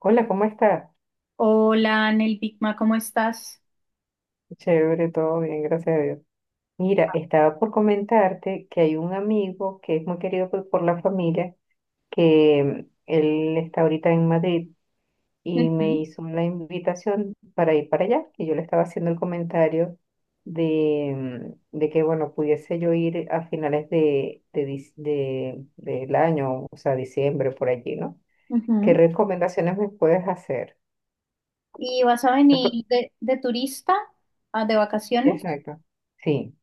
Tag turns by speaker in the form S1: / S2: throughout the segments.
S1: Hola, ¿cómo estás?
S2: Hola, Anel Bigma, ¿cómo estás?
S1: Chévere, todo bien, gracias a Dios. Mira, estaba por comentarte que hay un amigo que es muy querido por la familia, que él está ahorita en Madrid y me
S2: Ujú,
S1: hizo la invitación para ir para allá, y yo le estaba haciendo el comentario de, de que, bueno, pudiese yo ir a finales del año, o sea, diciembre, por allí, ¿no? ¿Qué
S2: ujú.
S1: recomendaciones me puedes hacer?
S2: ¿Y vas a venir de turista, ah, de vacaciones?
S1: Exacto, sí.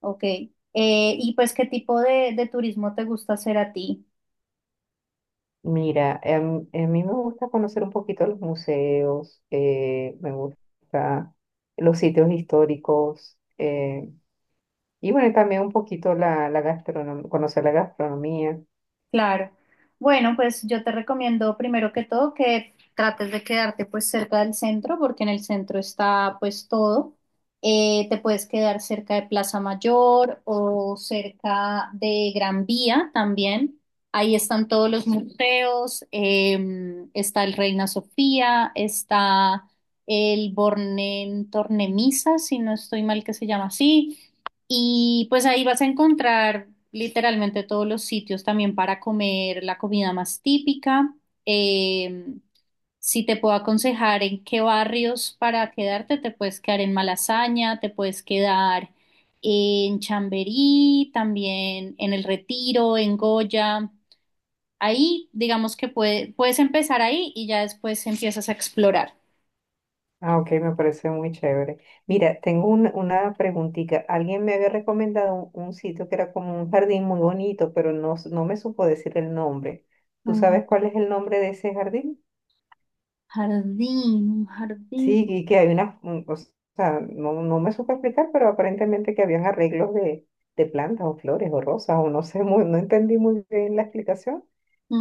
S2: Ok. ¿Y pues qué tipo de turismo te gusta hacer a ti?
S1: Mira, a mí me gusta conocer un poquito los museos, me gusta los sitios históricos, y bueno, también un poquito la gastronomía, conocer la gastronomía.
S2: Claro. Bueno, pues yo te recomiendo primero que todo que trates de quedarte pues cerca del centro, porque en el centro está pues todo. Te puedes quedar cerca de Plaza Mayor o cerca de Gran Vía también. Ahí están todos los museos, está el Reina Sofía, está el Born en Tornemisa, si no estoy mal que se llama así. Y pues ahí vas a encontrar literalmente todos los sitios también para comer la comida más típica. Eh, si te puedo aconsejar en qué barrios para quedarte, te puedes quedar en Malasaña, te puedes quedar en Chamberí, también en El Retiro, en Goya. Ahí, digamos que puedes empezar ahí y ya después empiezas a explorar.
S1: Ah, ok, me parece muy chévere. Mira, tengo una preguntita. Alguien me había recomendado un sitio que era como un jardín muy bonito, pero no, no me supo decir el nombre. ¿Tú
S2: Un
S1: sabes cuál es el nombre de ese jardín?
S2: jardín, un jardín.
S1: Sí, y que hay o sea, no me supe explicar, pero aparentemente que habían arreglos de plantas o flores o rosas, o no sé, muy, no entendí muy bien la explicación,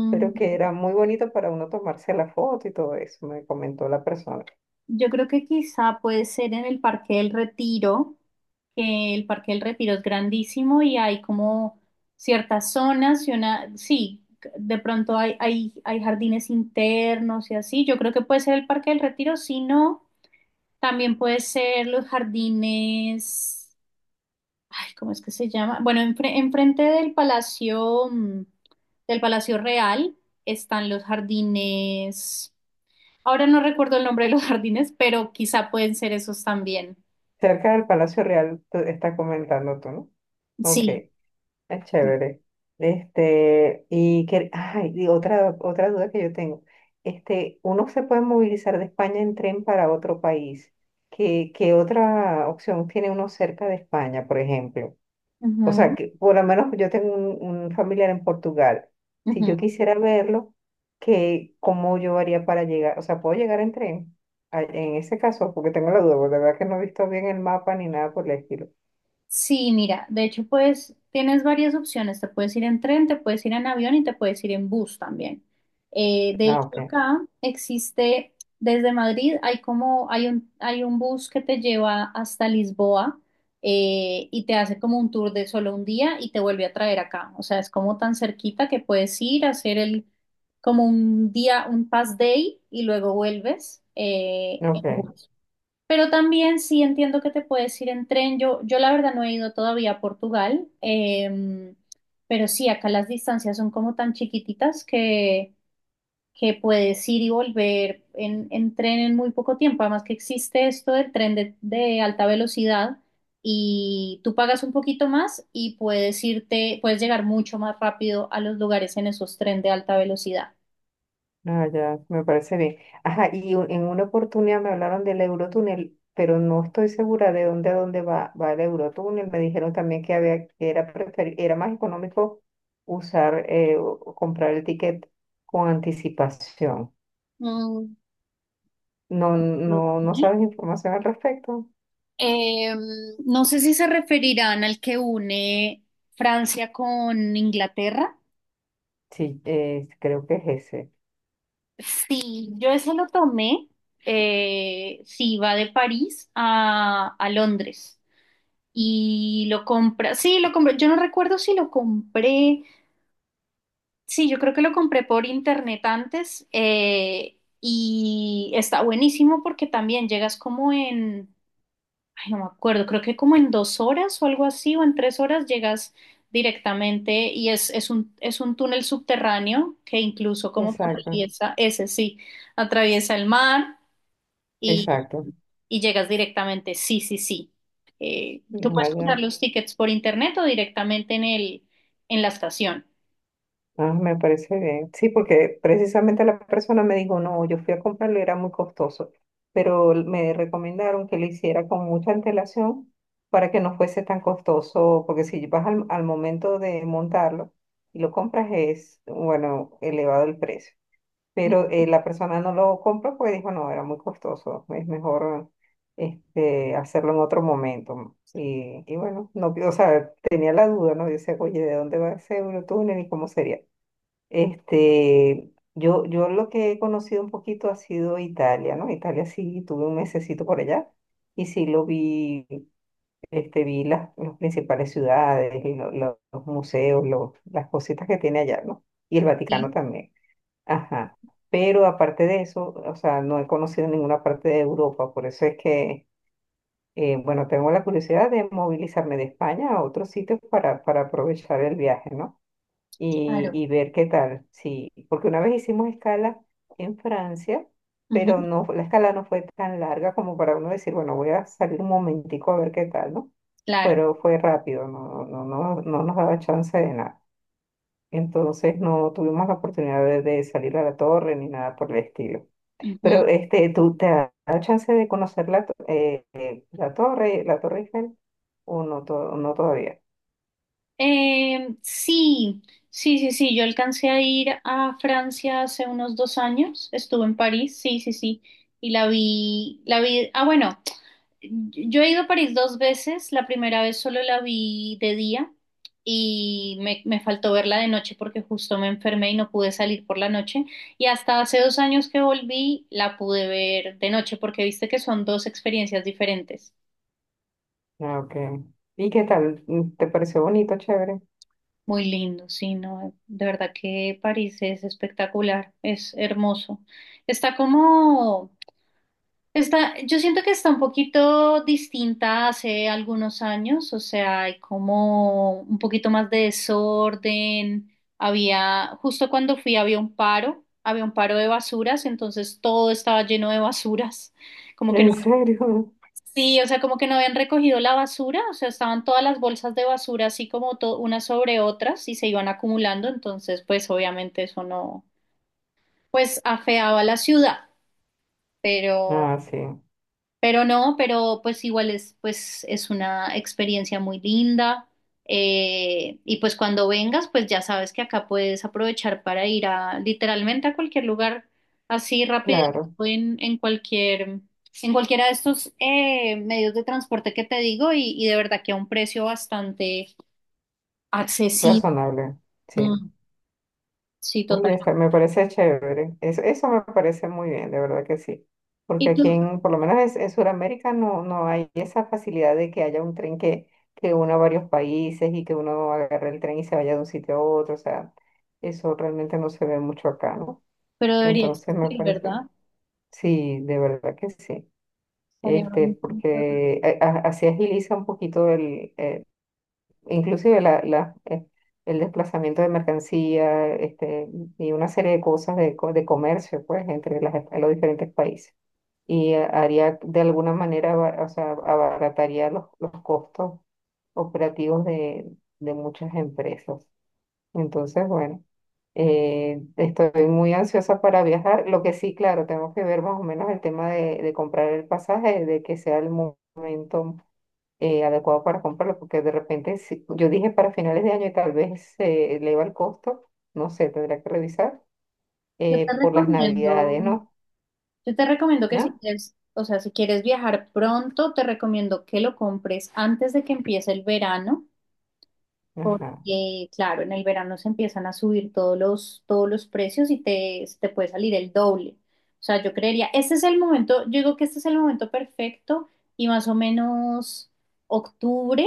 S1: pero que era muy bonito para uno tomarse la foto y todo eso, me comentó la persona.
S2: Yo creo que quizá puede ser en el Parque del Retiro, que el Parque del Retiro es grandísimo y hay como ciertas zonas y una, sí, de pronto hay, hay jardines internos y así. Yo creo que puede ser el Parque del Retiro, si no, también puede ser los jardines, ay, ¿cómo es que se llama? Bueno, enfrente del Palacio, del Palacio Real están los jardines. Ahora no recuerdo el nombre de los jardines, pero quizá pueden ser esos también.
S1: Cerca del Palacio Real está comentando tú, ¿no? Ok.
S2: Sí.
S1: Es chévere. Este, y que, ay, y otra duda que yo tengo. Este, uno se puede movilizar de España en tren para otro país. ¿Qué otra opción tiene uno cerca de España, por ejemplo? O sea,
S2: Ujú,
S1: que por lo menos yo tengo un familiar en Portugal. Si yo
S2: ujú.
S1: quisiera verlo, ¿cómo yo haría para llegar? O sea, ¿puedo llegar en tren? Ah, en ese caso, porque tengo la duda, porque la verdad que no he visto bien el mapa ni nada por el estilo.
S2: Sí, mira, de hecho, pues tienes varias opciones. Te puedes ir en tren, te puedes ir en avión y te puedes ir en bus también. De
S1: Ah,
S2: hecho,
S1: ok,
S2: acá existe, desde Madrid hay como, hay un bus que te lleva hasta Lisboa y te hace como un tour de solo un día y te vuelve a traer acá. O sea, es como tan cerquita que puedes ir a hacer el, como un día, un pass day y luego vuelves en
S1: ok.
S2: bus. Pero también sí entiendo que te puedes ir en tren. Yo la verdad no he ido todavía a Portugal, pero sí, acá las distancias son como tan chiquititas que puedes ir y volver en tren en muy poco tiempo. Además que existe esto del tren de alta velocidad y tú pagas un poquito más y puedes irte, puedes llegar mucho más rápido a los lugares en esos tren de alta velocidad.
S1: Ah, ya, me parece bien. Ajá, y en una oportunidad me hablaron del Eurotúnel, pero no estoy segura de dónde a dónde va el Eurotúnel. Me dijeron también que había, que era era más económico usar, o comprar el ticket con anticipación.
S2: Mm,
S1: No
S2: ok.
S1: sabes información al respecto.
S2: Eh, no sé si se referirán al que une Francia con Inglaterra.
S1: Sí, creo que es ese.
S2: Sí, yo ese lo tomé. Sí, va de París a Londres y lo compra. Sí, lo compré. Yo no recuerdo si lo compré. Sí, yo creo que lo compré por internet antes y está buenísimo porque también llegas como en ay, no me acuerdo, creo que como en dos horas o algo así, o en tres horas llegas directamente y es un túnel subterráneo que incluso como que
S1: Exacto,
S2: atraviesa, ese sí, atraviesa el mar y,
S1: exacto.
S2: y llegas directamente, sí, sí, sí. Tú
S1: Ah,
S2: puedes comprar
S1: ya.
S2: los tickets por internet o directamente en el, en la estación.
S1: Ah, me parece bien. Sí, porque precisamente la persona me dijo, no, yo fui a comprarlo y era muy costoso, pero me recomendaron que lo hiciera con mucha antelación para que no fuese tan costoso, porque si vas al momento de montarlo y lo compras es, bueno, elevado el precio. Pero la persona no lo compró porque dijo, no, era muy costoso, es mejor este, hacerlo en otro momento. Y bueno, no, o sea, tenía la duda, ¿no? Yo decía, oye, ¿de dónde va ese Eurotúnel y cómo sería? Este, yo lo que he conocido un poquito ha sido Italia, ¿no? Italia sí, tuve un mesecito por allá y sí lo vi, este, vi las principales ciudades, y los museos, las cositas que tiene allá, ¿no? Y el Vaticano
S2: Sí,
S1: también. Ajá. Pero aparte de eso, o sea, no he conocido ninguna parte de Europa, por eso es que, bueno, tengo la curiosidad de movilizarme de España a otros sitios para aprovechar el viaje, ¿no? Y,
S2: claro.
S1: y ver qué tal. Sí, porque una vez hicimos escala en Francia, pero
S2: Ujú,
S1: no, la escala no fue tan larga como para uno decir, bueno, voy a salir un momentico a ver qué tal, ¿no?
S2: claro.
S1: Pero fue rápido, no, no, no, no nos daba chance de nada. Entonces no tuvimos la oportunidad de salir a la torre ni nada por el estilo.
S2: Ujú.
S1: Pero este, ¿tú te has dado chance de conocer la Torre Eiffel o no, no todavía?
S2: Sí, sí, sí, sí, yo alcancé a ir a Francia hace unos dos años, estuve en París, sí, sí, sí, y la vi, ah, bueno, yo he ido a París dos veces, la primera vez solo la vi de día y me faltó verla de noche porque justo me enfermé y no pude salir por la noche, y hasta hace dos años que volví la pude ver de noche porque viste que son dos experiencias diferentes.
S1: Ah, okay. ¿Y qué tal? ¿Te pareció bonito, chévere?
S2: Muy lindo, sí, no, de verdad que París es espectacular, es hermoso. Está como, está, yo siento que está un poquito distinta hace algunos años, o sea, hay como un poquito más de desorden. Había, justo cuando fui había un paro de basuras, entonces todo estaba lleno de basuras, como que
S1: ¿En serio?
S2: sí, o sea, como que no habían recogido la basura, o sea, estaban todas las bolsas de basura así como unas sobre otras y se iban acumulando, entonces pues obviamente eso no, pues afeaba la ciudad, pero...
S1: Ah, sí,
S2: Pero no, pero pues igual es, pues es una experiencia muy linda. Y pues cuando vengas, pues ya sabes que acá puedes aprovechar para ir a literalmente a cualquier lugar así rapidito
S1: claro,
S2: en cualquier, en cualquiera de estos medios de transporte que te digo y de verdad que a un precio bastante accesible.
S1: razonable, sí.
S2: Mm, sí, total.
S1: Oye, está, me parece chévere. Eso me parece muy bien, de verdad que sí. Porque
S2: Y
S1: aquí,
S2: tú,
S1: en, por lo menos en Sudamérica, no hay esa facilidad de que haya un tren que una a varios países y que uno agarre el tren y se vaya de un sitio a otro. O sea, eso realmente no se ve mucho acá, ¿no?
S2: pero debería
S1: Entonces me
S2: existir, ¿verdad?
S1: parece, sí, de verdad que sí.
S2: Estaría
S1: Este,
S2: buenísimo.
S1: porque así agiliza un poquito el inclusive el desplazamiento de mercancía, este, y una serie de cosas de, de comercio, pues, entre las, los diferentes países. Y haría de alguna manera, o sea, abarataría los costos operativos de muchas empresas. Entonces, bueno, estoy muy ansiosa para viajar. Lo que sí, claro, tengo que ver más o menos el tema de comprar el pasaje, de que sea el momento adecuado para comprarlo, porque de repente, si, yo dije para finales de año y tal vez se eleva el costo, no sé, tendría que revisar,
S2: Yo te
S1: por las
S2: recomiendo.
S1: navidades, ¿no?
S2: Yo te recomiendo que si
S1: ¿No?
S2: quieres, o sea, si quieres viajar pronto, te recomiendo que lo compres antes de que empiece el verano,
S1: Ajá,
S2: porque, claro, en el verano se empiezan a subir todos los precios y te puede salir el doble. O sea, yo creería, este es el momento, yo digo que este es el momento perfecto y más o menos octubre,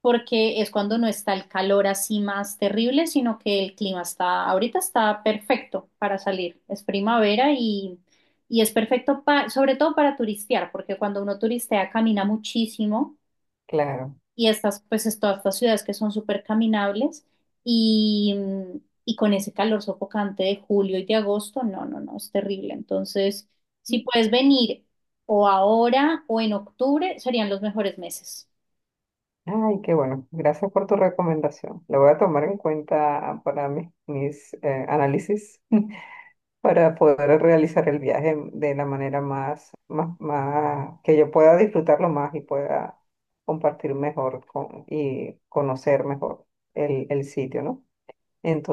S2: porque es cuando no está el calor así más terrible, sino que el clima está, ahorita está perfecto para salir. Es primavera y es perfecto sobre todo para turistear, porque cuando uno turistea camina muchísimo
S1: claro.
S2: y estas, pues es todas estas ciudades que son súper caminables y, y con ese calor sofocante de julio y de agosto, no, no, no, es terrible. Entonces, si puedes venir o ahora o en octubre, serían los mejores meses.
S1: Ay, qué bueno. Gracias por tu recomendación. La voy a tomar en cuenta para mis análisis para poder realizar el viaje de la manera más, que yo pueda disfrutarlo más y pueda compartir mejor con, y conocer mejor el sitio, ¿no?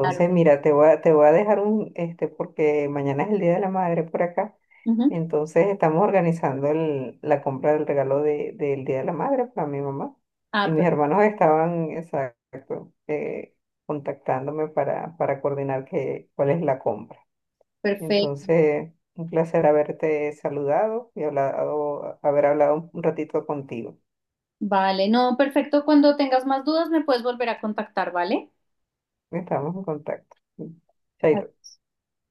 S2: Claro, pues.
S1: mira, te voy a dejar un, este, porque mañana es el Día de la Madre por acá.
S2: Ujú.
S1: Entonces, estamos organizando la compra del regalo de, del Día de la Madre para mi mamá. Y
S2: Ah,
S1: mis
S2: per-
S1: hermanos estaban, exacto, contactándome para coordinar que, cuál es la compra.
S2: Perfecto.
S1: Entonces, un placer haberte saludado y hablado, haber hablado un ratito contigo.
S2: Vale, no, perfecto. Cuando tengas más dudas, me puedes volver a contactar, ¿vale?
S1: Estamos en contacto. Chaito.